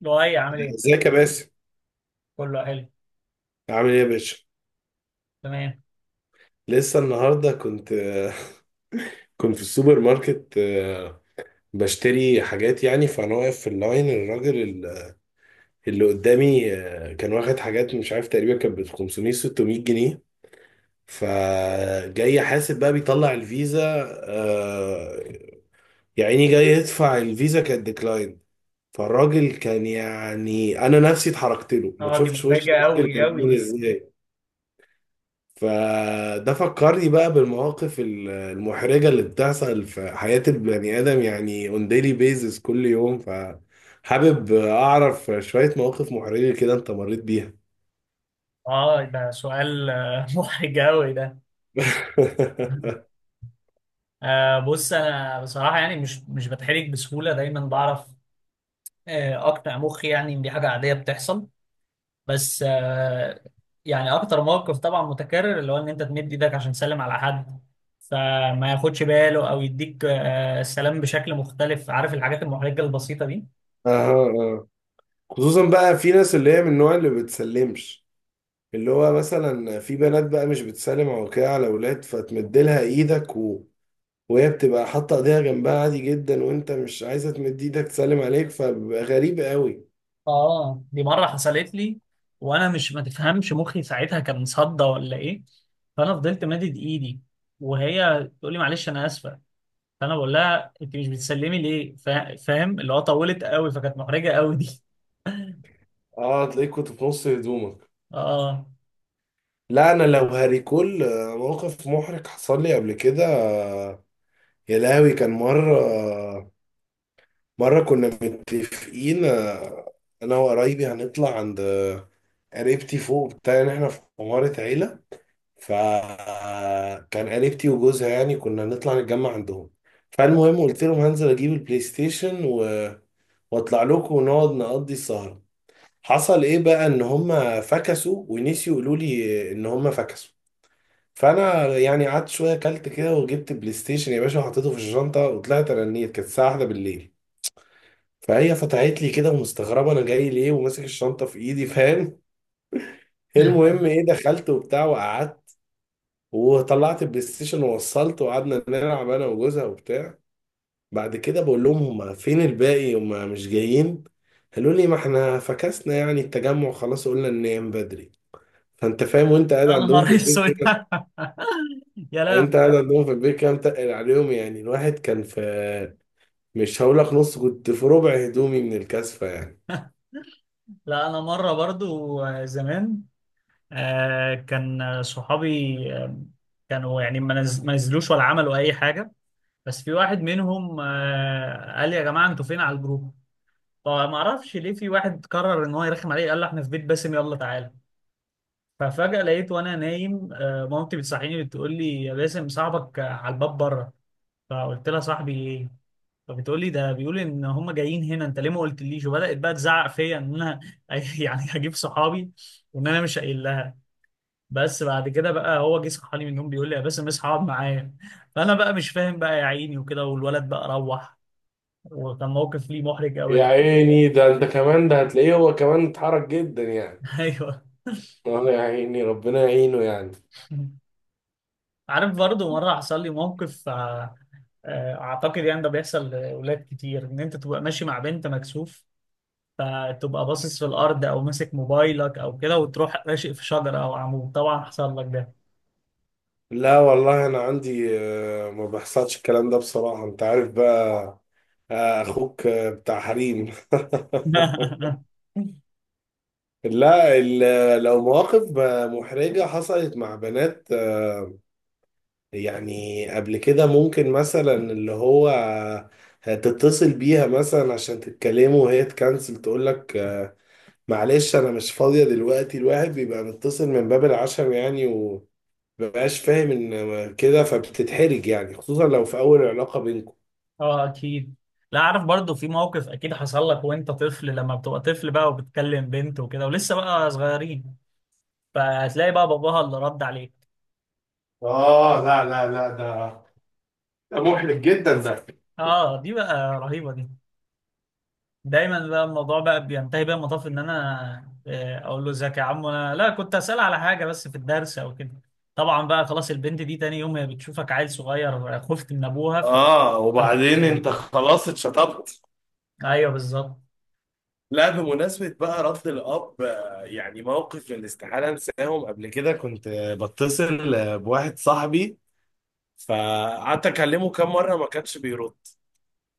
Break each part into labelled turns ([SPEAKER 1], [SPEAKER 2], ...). [SPEAKER 1] لؤي عامل ايه؟
[SPEAKER 2] ازيك يا باسم؟
[SPEAKER 1] كله حلو.
[SPEAKER 2] عامل ايه يا باشا؟
[SPEAKER 1] تمام.
[SPEAKER 2] لسه النهارده كنت كنت في السوبر ماركت، بشتري حاجات يعني. فانا واقف في اللاين، الراجل اللي قدامي كان واخد حاجات، مش عارف، تقريبا كانت ب 500 600 جنيه. فجاي حاسب بقى بيطلع الفيزا، آه، يعني جاي يدفع الفيزا، كانت ديكلاين. فالراجل كان، يعني انا نفسي اتحركت له، ما
[SPEAKER 1] اه، دي
[SPEAKER 2] تشوفش وش
[SPEAKER 1] محرجة
[SPEAKER 2] الراجل
[SPEAKER 1] قوي
[SPEAKER 2] كان
[SPEAKER 1] قوي
[SPEAKER 2] عامل
[SPEAKER 1] دي.
[SPEAKER 2] ازاي. فده فكرني بقى بالمواقف المحرجة اللي بتحصل في حياة البني آدم، يعني on daily basis كل يوم، فحابب أعرف شوية مواقف محرجة كده أنت مريت بيها.
[SPEAKER 1] اه ده سؤال محرج قوي ده. آه بص انا بصراحة يعني مش بتحرج بسهولة، دايما بعرف آه اقنع مخي يعني ان دي حاجة عادية بتحصل. بس آه يعني اكتر موقف طبعا متكرر اللي هو ان انت تمد ايدك عشان تسلم على حد، فما ياخدش باله او يديك آه السلام بشكل مختلف. عارف الحاجات المحرجة البسيطة دي.
[SPEAKER 2] أها، أه. خصوصا بقى في ناس اللي هي من النوع اللي بتسلمش، اللي هو مثلا في بنات بقى مش بتسلم او كده على اولاد، فتمدلها ايدك، و... وهي بتبقى حاطه ايديها جنبها عادي جدا، وانت مش عايزه تمد ايدك تسلم عليك، فبيبقى غريب قوي.
[SPEAKER 1] اه دي مره حصلت لي، وانا مش، ما تفهمش مخي ساعتها كان مصدى ولا ايه. فانا فضلت مادد ايدي وهي تقول لي معلش انا اسفه. فانا بقول لها انت مش بتسلمي ليه؟ فاهم اللي هو طولت قوي، فكانت محرجه قوي دي.
[SPEAKER 2] اه، تلاقيك كنت في نص هدومك.
[SPEAKER 1] اه.
[SPEAKER 2] لا، انا لو هريكول موقف محرج حصل لي قبل كده، يا لهوي. كان مره، مره كنا متفقين، انا وقرايبي هنطلع عند، قريبتي فوق بتاع ان احنا في عماره عيله. فكان قريبتي وجوزها، يعني كنا هنطلع نتجمع عندهم. فالمهم قلت لهم هنزل اجيب البلاي ستيشن، و... واطلع لكم ونقعد نقضي السهره. حصل ايه بقى؟ ان هم فكسوا ونسيوا يقولوا لي ان هم فكسوا. فانا يعني قعدت شويه، اكلت كده وجبت بلاي ستيشن يا باشا وحطيته في الشنطه وطلعت، رنيت، كانت الساعه واحدة بالليل. فهي فتحت لي كده ومستغربه انا جاي ليه وماسك الشنطه في ايدي، فاهم؟ المهم ايه، دخلت وبتاع وقعدت، وطلعت البلاي ستيشن ووصلت، وقعدنا نلعب انا وجوزها وبتاع. بعد كده بقول لهم: هما فين الباقي؟ هما مش جايين؟ قالوا لي: ما احنا فكسنا، يعني التجمع خلاص، قلنا ننام بدري. فانت فاهم وانت قاعد
[SPEAKER 1] انا
[SPEAKER 2] عندهم في
[SPEAKER 1] مره
[SPEAKER 2] البيت
[SPEAKER 1] اسود.
[SPEAKER 2] كده؟
[SPEAKER 1] يا
[SPEAKER 2] يعني
[SPEAKER 1] لا.
[SPEAKER 2] انت قاعد عندهم في البيت كام تقل عليهم، يعني الواحد كان في، مش هقول لك نص، كنت في ربع هدومي من الكثفة يعني.
[SPEAKER 1] لا انا مره برضو زمان كان صحابي كانوا يعني ما نزلوش ولا عملوا اي حاجه، بس في واحد منهم قال لي يا جماعه انتوا فين على الجروب. فما اعرفش ليه في واحد قرر ان هو يرخم عليه، قال له احنا في بيت باسم، يلا تعالى. ففجأة لقيت وانا نايم مامتي بتصحيني بتقول لي يا باسم، صاحبك على الباب بره. فقلت لها صاحبي ايه؟ فبتقول لي ده بيقول ان هم جايين هنا، انت ليه ما قلتليش، وبدأت بقى تزعق فيا ان انا يعني هجيب صحابي وان انا مش قايل لها. بس بعد كده بقى هو جه صحاني من النوم بيقول لي يا باسم اصحى اقعد معايا. فانا بقى مش فاهم بقى يا عيني وكده، والولد بقى روح. وكان موقف ليه محرج قوي
[SPEAKER 2] يا
[SPEAKER 1] يعني.
[SPEAKER 2] عيني، ده انت كمان، ده هتلاقيه هو كمان اتحرك جدا يعني.
[SPEAKER 1] ايوه.
[SPEAKER 2] اه، يا عيني، ربنا يعينه يعني.
[SPEAKER 1] عارف برضه مرة حصل لي موقف أعتقد يعني ده بيحصل لأولاد كتير إن أنت تبقى ماشي مع بنت مكسوف، فتبقى باصص في الأرض أو ماسك موبايلك أو كده، وتروح راشق في شجرة أو عمود. طبعا حصل لك ده.
[SPEAKER 2] لا والله، انا عندي ما بيحصلش الكلام ده بصراحة، انت عارف بقى، اخوك بتاع حريم. لا، لو مواقف محرجة حصلت مع بنات، يعني قبل كده ممكن مثلا اللي هو تتصل بيها مثلا عشان تتكلموا، وهي تكنسل تقول لك، معلش انا مش فاضية دلوقتي. الواحد بيبقى متصل من باب العشم يعني، ومبقاش فاهم ان كده فبتتحرج يعني، خصوصا لو في اول علاقة بينكم.
[SPEAKER 1] اه اكيد. لا عارف برضو في موقف اكيد حصل لك وانت طفل، لما بتبقى طفل بقى وبتكلم بنت وكده ولسه بقى صغيرين، فهتلاقي بقى باباها اللي رد عليك.
[SPEAKER 2] آه، لا لا لا، ده محرج جدا ده.
[SPEAKER 1] اه دي بقى رهيبة. دايما بقى الموضوع بقى بينتهي بقى المطاف ان انا اقول له ازيك يا عم، انا لا كنت اسال على حاجه بس في الدرس او كده. طبعا بقى خلاص، البنت دي تاني يوم هي بتشوفك عيل صغير خفت من ابوها ف.
[SPEAKER 2] آه، وبعدين أنت خلاص اتشطبت.
[SPEAKER 1] ايوه بالظبط.
[SPEAKER 2] لا، بمناسبة بقى رفض الأب، يعني موقف من الاستحالة أنساهم. قبل كده كنت بتصل بواحد صاحبي، فقعدت أكلمه كام مرة ما كانش بيرد.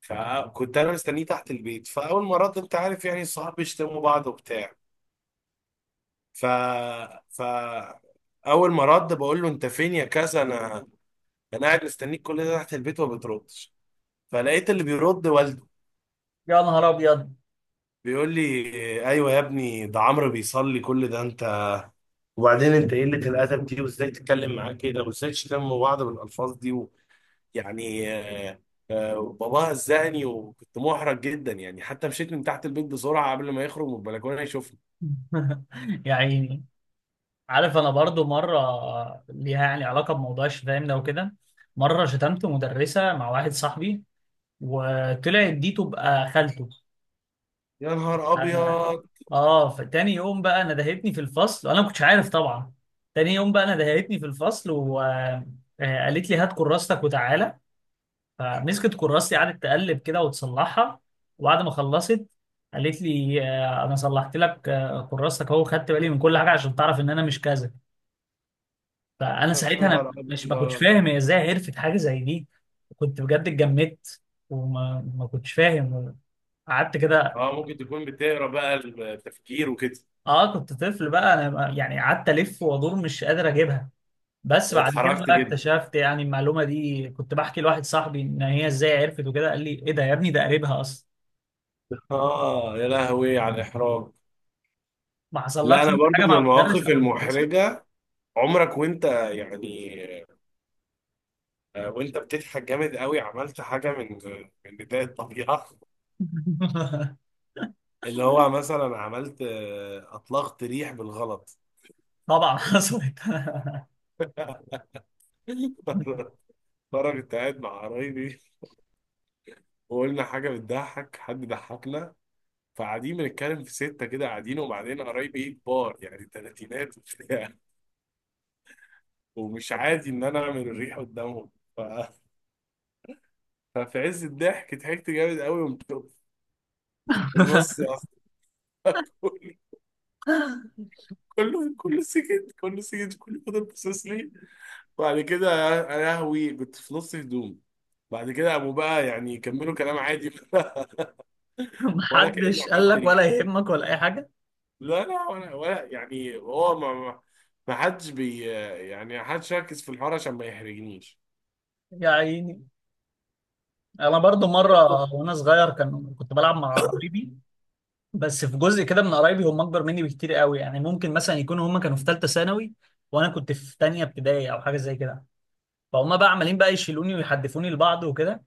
[SPEAKER 2] فكنت أنا مستنيه تحت البيت. فأول ما رد، أنت عارف يعني الصحاب بيشتموا بعض وبتاع، ف ف أول ما رد بقول له: أنت فين يا كذا؟ أنا قاعد مستنيك كل ده تحت البيت وما بتردش. فلقيت اللي بيرد والده،
[SPEAKER 1] يا نهار ابيض.
[SPEAKER 2] بيقول لي: أيوه يا ابني، ده عمرو بيصلي كل ده. وبعدين انت قلة الادب دي، وازاي تتكلم معاه كده، وازاي تشتموا بعض بالالفاظ دي. و... يعني آه، باباها زهقني وكنت محرج جدا يعني، حتى مشيت من تحت البيت بسرعه قبل ما يخرج من البلكونه يشوفني.
[SPEAKER 1] يا عيني. عارف انا برضو مره ليها يعني علاقه بموضوع الشتايم ده وكده. مره شتمت مدرسه مع واحد صاحبي، وطلعت دي تبقى خالته.
[SPEAKER 2] يا نهار ابيض!
[SPEAKER 1] اه فتاني يوم بقى انا دهيتني في الفصل وانا ما كنتش عارف طبعا. تاني يوم بقى انا دهيتني في الفصل وقالت لي هات كراستك وتعالى. فمسكت كراستي قعدت تقلب كده وتصلحها. وبعد ما خلصت قالت لي انا صلحت لك كراستك اهو، خدت بالي من كل حاجه عشان تعرف ان انا مش كذا. فانا
[SPEAKER 2] يا
[SPEAKER 1] ساعتها انا
[SPEAKER 2] نهار
[SPEAKER 1] مش، ما كنتش
[SPEAKER 2] ابيض!
[SPEAKER 1] فاهم هي ازاي عرفت حاجه زي دي. كنت بجد اتجمدت وما ما كنتش فاهم، قعدت كده.
[SPEAKER 2] اه، ممكن تكون بتقرا بقى التفكير وكده.
[SPEAKER 1] اه كنت طفل بقى انا يعني، قعدت الف وادور مش قادر اجيبها. بس بعد كده
[SPEAKER 2] واتحرجت
[SPEAKER 1] بقى
[SPEAKER 2] جدا.
[SPEAKER 1] اكتشفت يعني المعلومه دي، كنت بحكي لواحد صاحبي ان هي ازاي عرفت وكده، قال لي ايه ده يا ابني، ده قريبها اصلا.
[SPEAKER 2] اه، يا لهوي على الاحراج.
[SPEAKER 1] ما
[SPEAKER 2] لا،
[SPEAKER 1] حصلكش
[SPEAKER 2] انا
[SPEAKER 1] انت
[SPEAKER 2] برضو
[SPEAKER 1] حاجه
[SPEAKER 2] من
[SPEAKER 1] مع المدرس
[SPEAKER 2] المواقف
[SPEAKER 1] او المدرسه؟
[SPEAKER 2] المحرجه، عمرك وانت، يعني وانت بتضحك جامد قوي، عملت حاجه من بدايه الطبيعه، اللي هو مثلا عملت اطلقت ريح بالغلط؟
[SPEAKER 1] طبعا حصلت.
[SPEAKER 2] مره كنت قاعد مع قرايبي، وقلنا حاجه بتضحك، حد ضحكنا، فقاعدين بنتكلم في سته كده قاعدين، وبعدين قرايبي ايه، كبار يعني، تلاتينات وبتاع، ومش عادي ان انا اعمل الريح قدامهم. ف- ففي عز الضحك ضحكت جامد قوي، وقمت في النص يا أخي. كله سكت، كله سكت، كله فضل باصص لي. بعد كده يا لهوي، كنت في نص هدوم. بعد كده قاموا بقى يعني كملوا كلام عادي. ولا كأني
[SPEAKER 1] محدش قال
[SPEAKER 2] عملت
[SPEAKER 1] لك ولا
[SPEAKER 2] ريح.
[SPEAKER 1] يهمك ولا اي حاجه.
[SPEAKER 2] لا، لا، ولا يعني، هو ما حدش بي، يعني ما حدش ركز في الحوار عشان ما يحرجنيش.
[SPEAKER 1] يا عيني. انا برضو مره وانا صغير كان، كنت بلعب مع قرايبي، بس في جزء كده من قرايبي هم اكبر مني بكتير قوي، يعني ممكن مثلا يكونوا هم كانوا في ثالثه ثانوي وانا كنت في ثانيه ابتدائي او حاجه زي كده. فهم بقى عمالين بقى يشيلوني ويحدفوني لبعض وكده،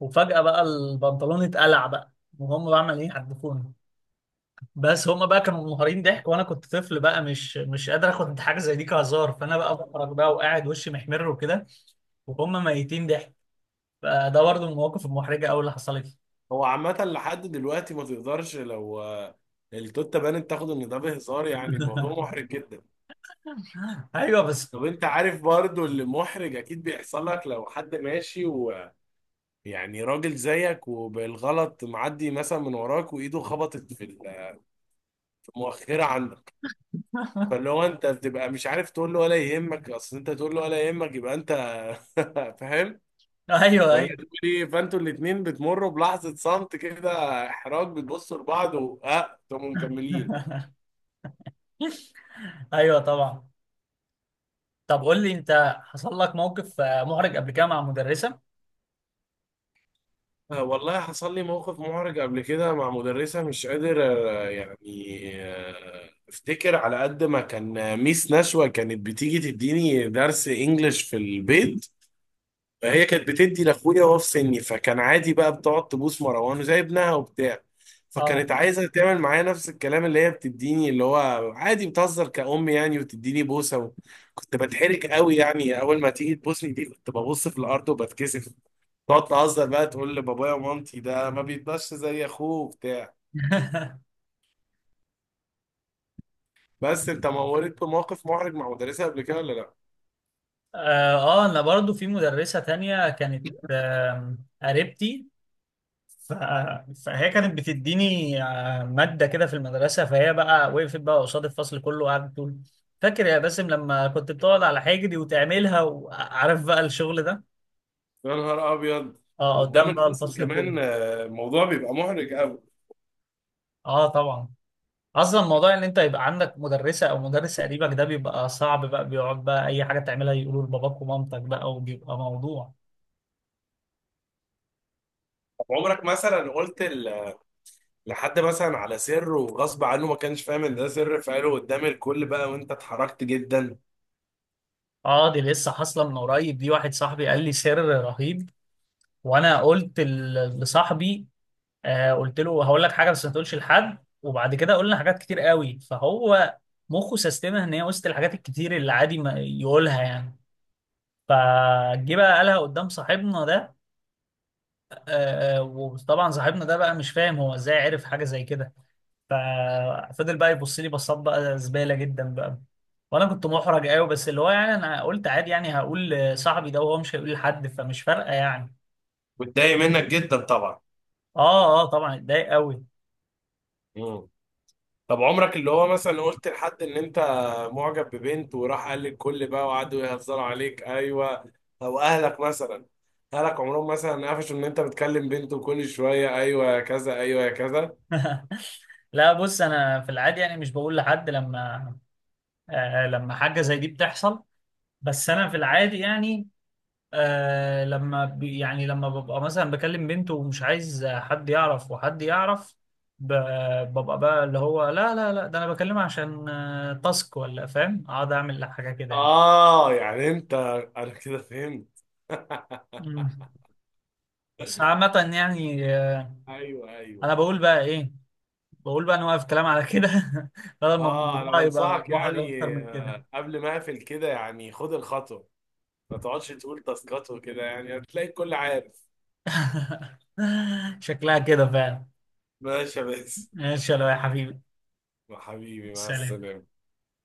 [SPEAKER 1] وفجأة بقى البنطلون اتقلع بقى، وهم بقى عمالين يحدفوني. بس هم بقى كانوا منهارين ضحك، وانا كنت طفل بقى مش قادر اخد حاجه زي دي كهزار. فانا بقى بخرج بقى وقاعد وشي محمر وكده وهم ميتين ضحك. فده برضه من المواقف المحرجه قوي اللي حصلت لي.
[SPEAKER 2] هو عامة، لحد دلوقتي ما تقدرش، لو التوتة بانت تاخد ان ده بهزار، يعني الموضوع محرج جدا.
[SPEAKER 1] ايوه بس.
[SPEAKER 2] طب انت عارف برضو، اللي محرج اكيد بيحصل لك، لو حد ماشي يعني راجل زيك وبالغلط معدي مثلا من وراك، وايده خبطت في المؤخره عندك. فاللي هو انت بتبقى مش عارف تقول له ولا يهمك، اصل انت تقول له ولا يهمك يبقى انت فاهم؟
[SPEAKER 1] ايوه
[SPEAKER 2] ولا
[SPEAKER 1] ايوه.
[SPEAKER 2] تقول ايه؟ فانتوا الاتنين بتمروا بلحظه صمت كده، احراج، بتبصوا لبعض، واه، انتوا مكملين.
[SPEAKER 1] ايوه طبعا. طب قول لي انت حصل لك موقف محرج قبل كده مع مدرسه؟
[SPEAKER 2] والله حصل لي موقف محرج قبل كده مع مدرسة، مش قادر يعني افتكر، على قد ما كان، ميس نشوى كانت بتيجي تديني درس انجليش في البيت. فهي كانت بتدي لاخويا وهو في سني، فكان عادي بقى بتقعد تبوس مروان وزي ابنها وبتاع. فكانت
[SPEAKER 1] اه.
[SPEAKER 2] عايزه تعمل معايا نفس الكلام اللي هي بتديني، اللي هو عادي بتهزر كأم يعني، وتديني بوسه. و... كنت بتحرك قوي يعني، اول ما تيجي تبوسني دي كنت ببص في الارض وبتكسف. تقعد تهزر بقى تقول لبابايا ومامتي: ده ما بيتبش زي اخوه وبتاع. بس انت مورت بموقف محرج مع مدرسه قبل كده ولا لا؟
[SPEAKER 1] اه انا برضو في مدرسة تانية كانت قريبتي. ف- فهي كانت بتديني مادة كده في المدرسة. فهي بقى وقفت بقى قصاد الفصل كله وقعدت تقول فاكر يا باسم لما كنت بتقعد على حجري وتعملها، وعارف بقى الشغل ده.
[SPEAKER 2] يا نهار ابيض!
[SPEAKER 1] اه
[SPEAKER 2] قدام
[SPEAKER 1] قدام بقى
[SPEAKER 2] الفصل
[SPEAKER 1] الفصل كله.
[SPEAKER 2] كمان، الموضوع بيبقى محرج قوي.
[SPEAKER 1] اه طبعا. اصلا موضوع ان انت يبقى عندك مدرسة او مدرس قريبك ده بيبقى صعب بقى، بيقعد بقى اي حاجة تعملها يقولوا لباباك ومامتك بقى، وبيبقى موضوع.
[SPEAKER 2] طب عمرك مثلا قلت لحد مثلا على سر، وغصب عنه ما كانش فاهم ان ده سر فقاله قدام الكل بقى، وانت اتحركت جدا؟
[SPEAKER 1] اه دي لسه حاصله من قريب دي، واحد صاحبي قال لي سر رهيب، وانا قلت لصاحبي، آه قلت له هقول لك حاجه بس ما تقولش لحد. وبعد كده قلنا حاجات كتير قوي فهو مخه سيستمها ان هي وسط الحاجات الكتير اللي عادي ما يقولها يعني. فجه بقى قالها قدام صاحبنا ده. آه وطبعا صاحبنا ده بقى مش فاهم هو ازاي عرف حاجه زي كده. ففضل بقى يبص لي بصات بقى زباله جدا بقى، وانا كنت محرج قوي، بس اللي هو يعني انا قلت عادي يعني هقول لصاحبي ده وهو مش هيقول لحد، فمش فارقه يعني.
[SPEAKER 2] واتضايق منك جدا طبعا.
[SPEAKER 1] اه اه طبعا اتضايق قوي.
[SPEAKER 2] مم. طب عمرك اللي هو مثلا قلت لحد ان انت معجب ببنت، وراح قال للكل بقى وقعدوا يهزروا عليك؟ ايوه. او اهلك مثلا، اهلك عمرهم مثلا قفشوا ان انت بتكلم بنت، وكل شويه: ايوه يا كذا، ايوه يا كذا؟
[SPEAKER 1] لا بص انا في العادي يعني مش بقول لحد لما آه لما حاجه زي دي بتحصل. بس انا في العادي يعني آه لما بي يعني لما ببقى مثلا بكلم بنت ومش عايز حد يعرف وحد يعرف، ب- ببقى بقى اللي هو لا لا لا ده انا بكلمها عشان تاسك ولا، فاهم؟ اقعد اعمل حاجه كده يعني.
[SPEAKER 2] اه، يعني انت انا كده فهمت.
[SPEAKER 1] مم. بس عامة يعني
[SPEAKER 2] ايوه، ايوه.
[SPEAKER 1] انا بقول بقى ايه، بقول بقى نوقف كلام على كده. بدل ما
[SPEAKER 2] اه، انا
[SPEAKER 1] الموضوع يبقى
[SPEAKER 2] بنصحك
[SPEAKER 1] محرج
[SPEAKER 2] يعني،
[SPEAKER 1] اكتر من كده.
[SPEAKER 2] قبل ما اقفل كده يعني خد الخطوه، ما تقعدش تقول تاسكات وكده، يعني هتلاقي الكل عارف.
[SPEAKER 1] شكلها كده فعلا.
[SPEAKER 2] ماشي يا باسم.
[SPEAKER 1] ماشي يا لؤي يا حبيبي.
[SPEAKER 2] حبيبي، مع
[SPEAKER 1] سلام.
[SPEAKER 2] السلامة.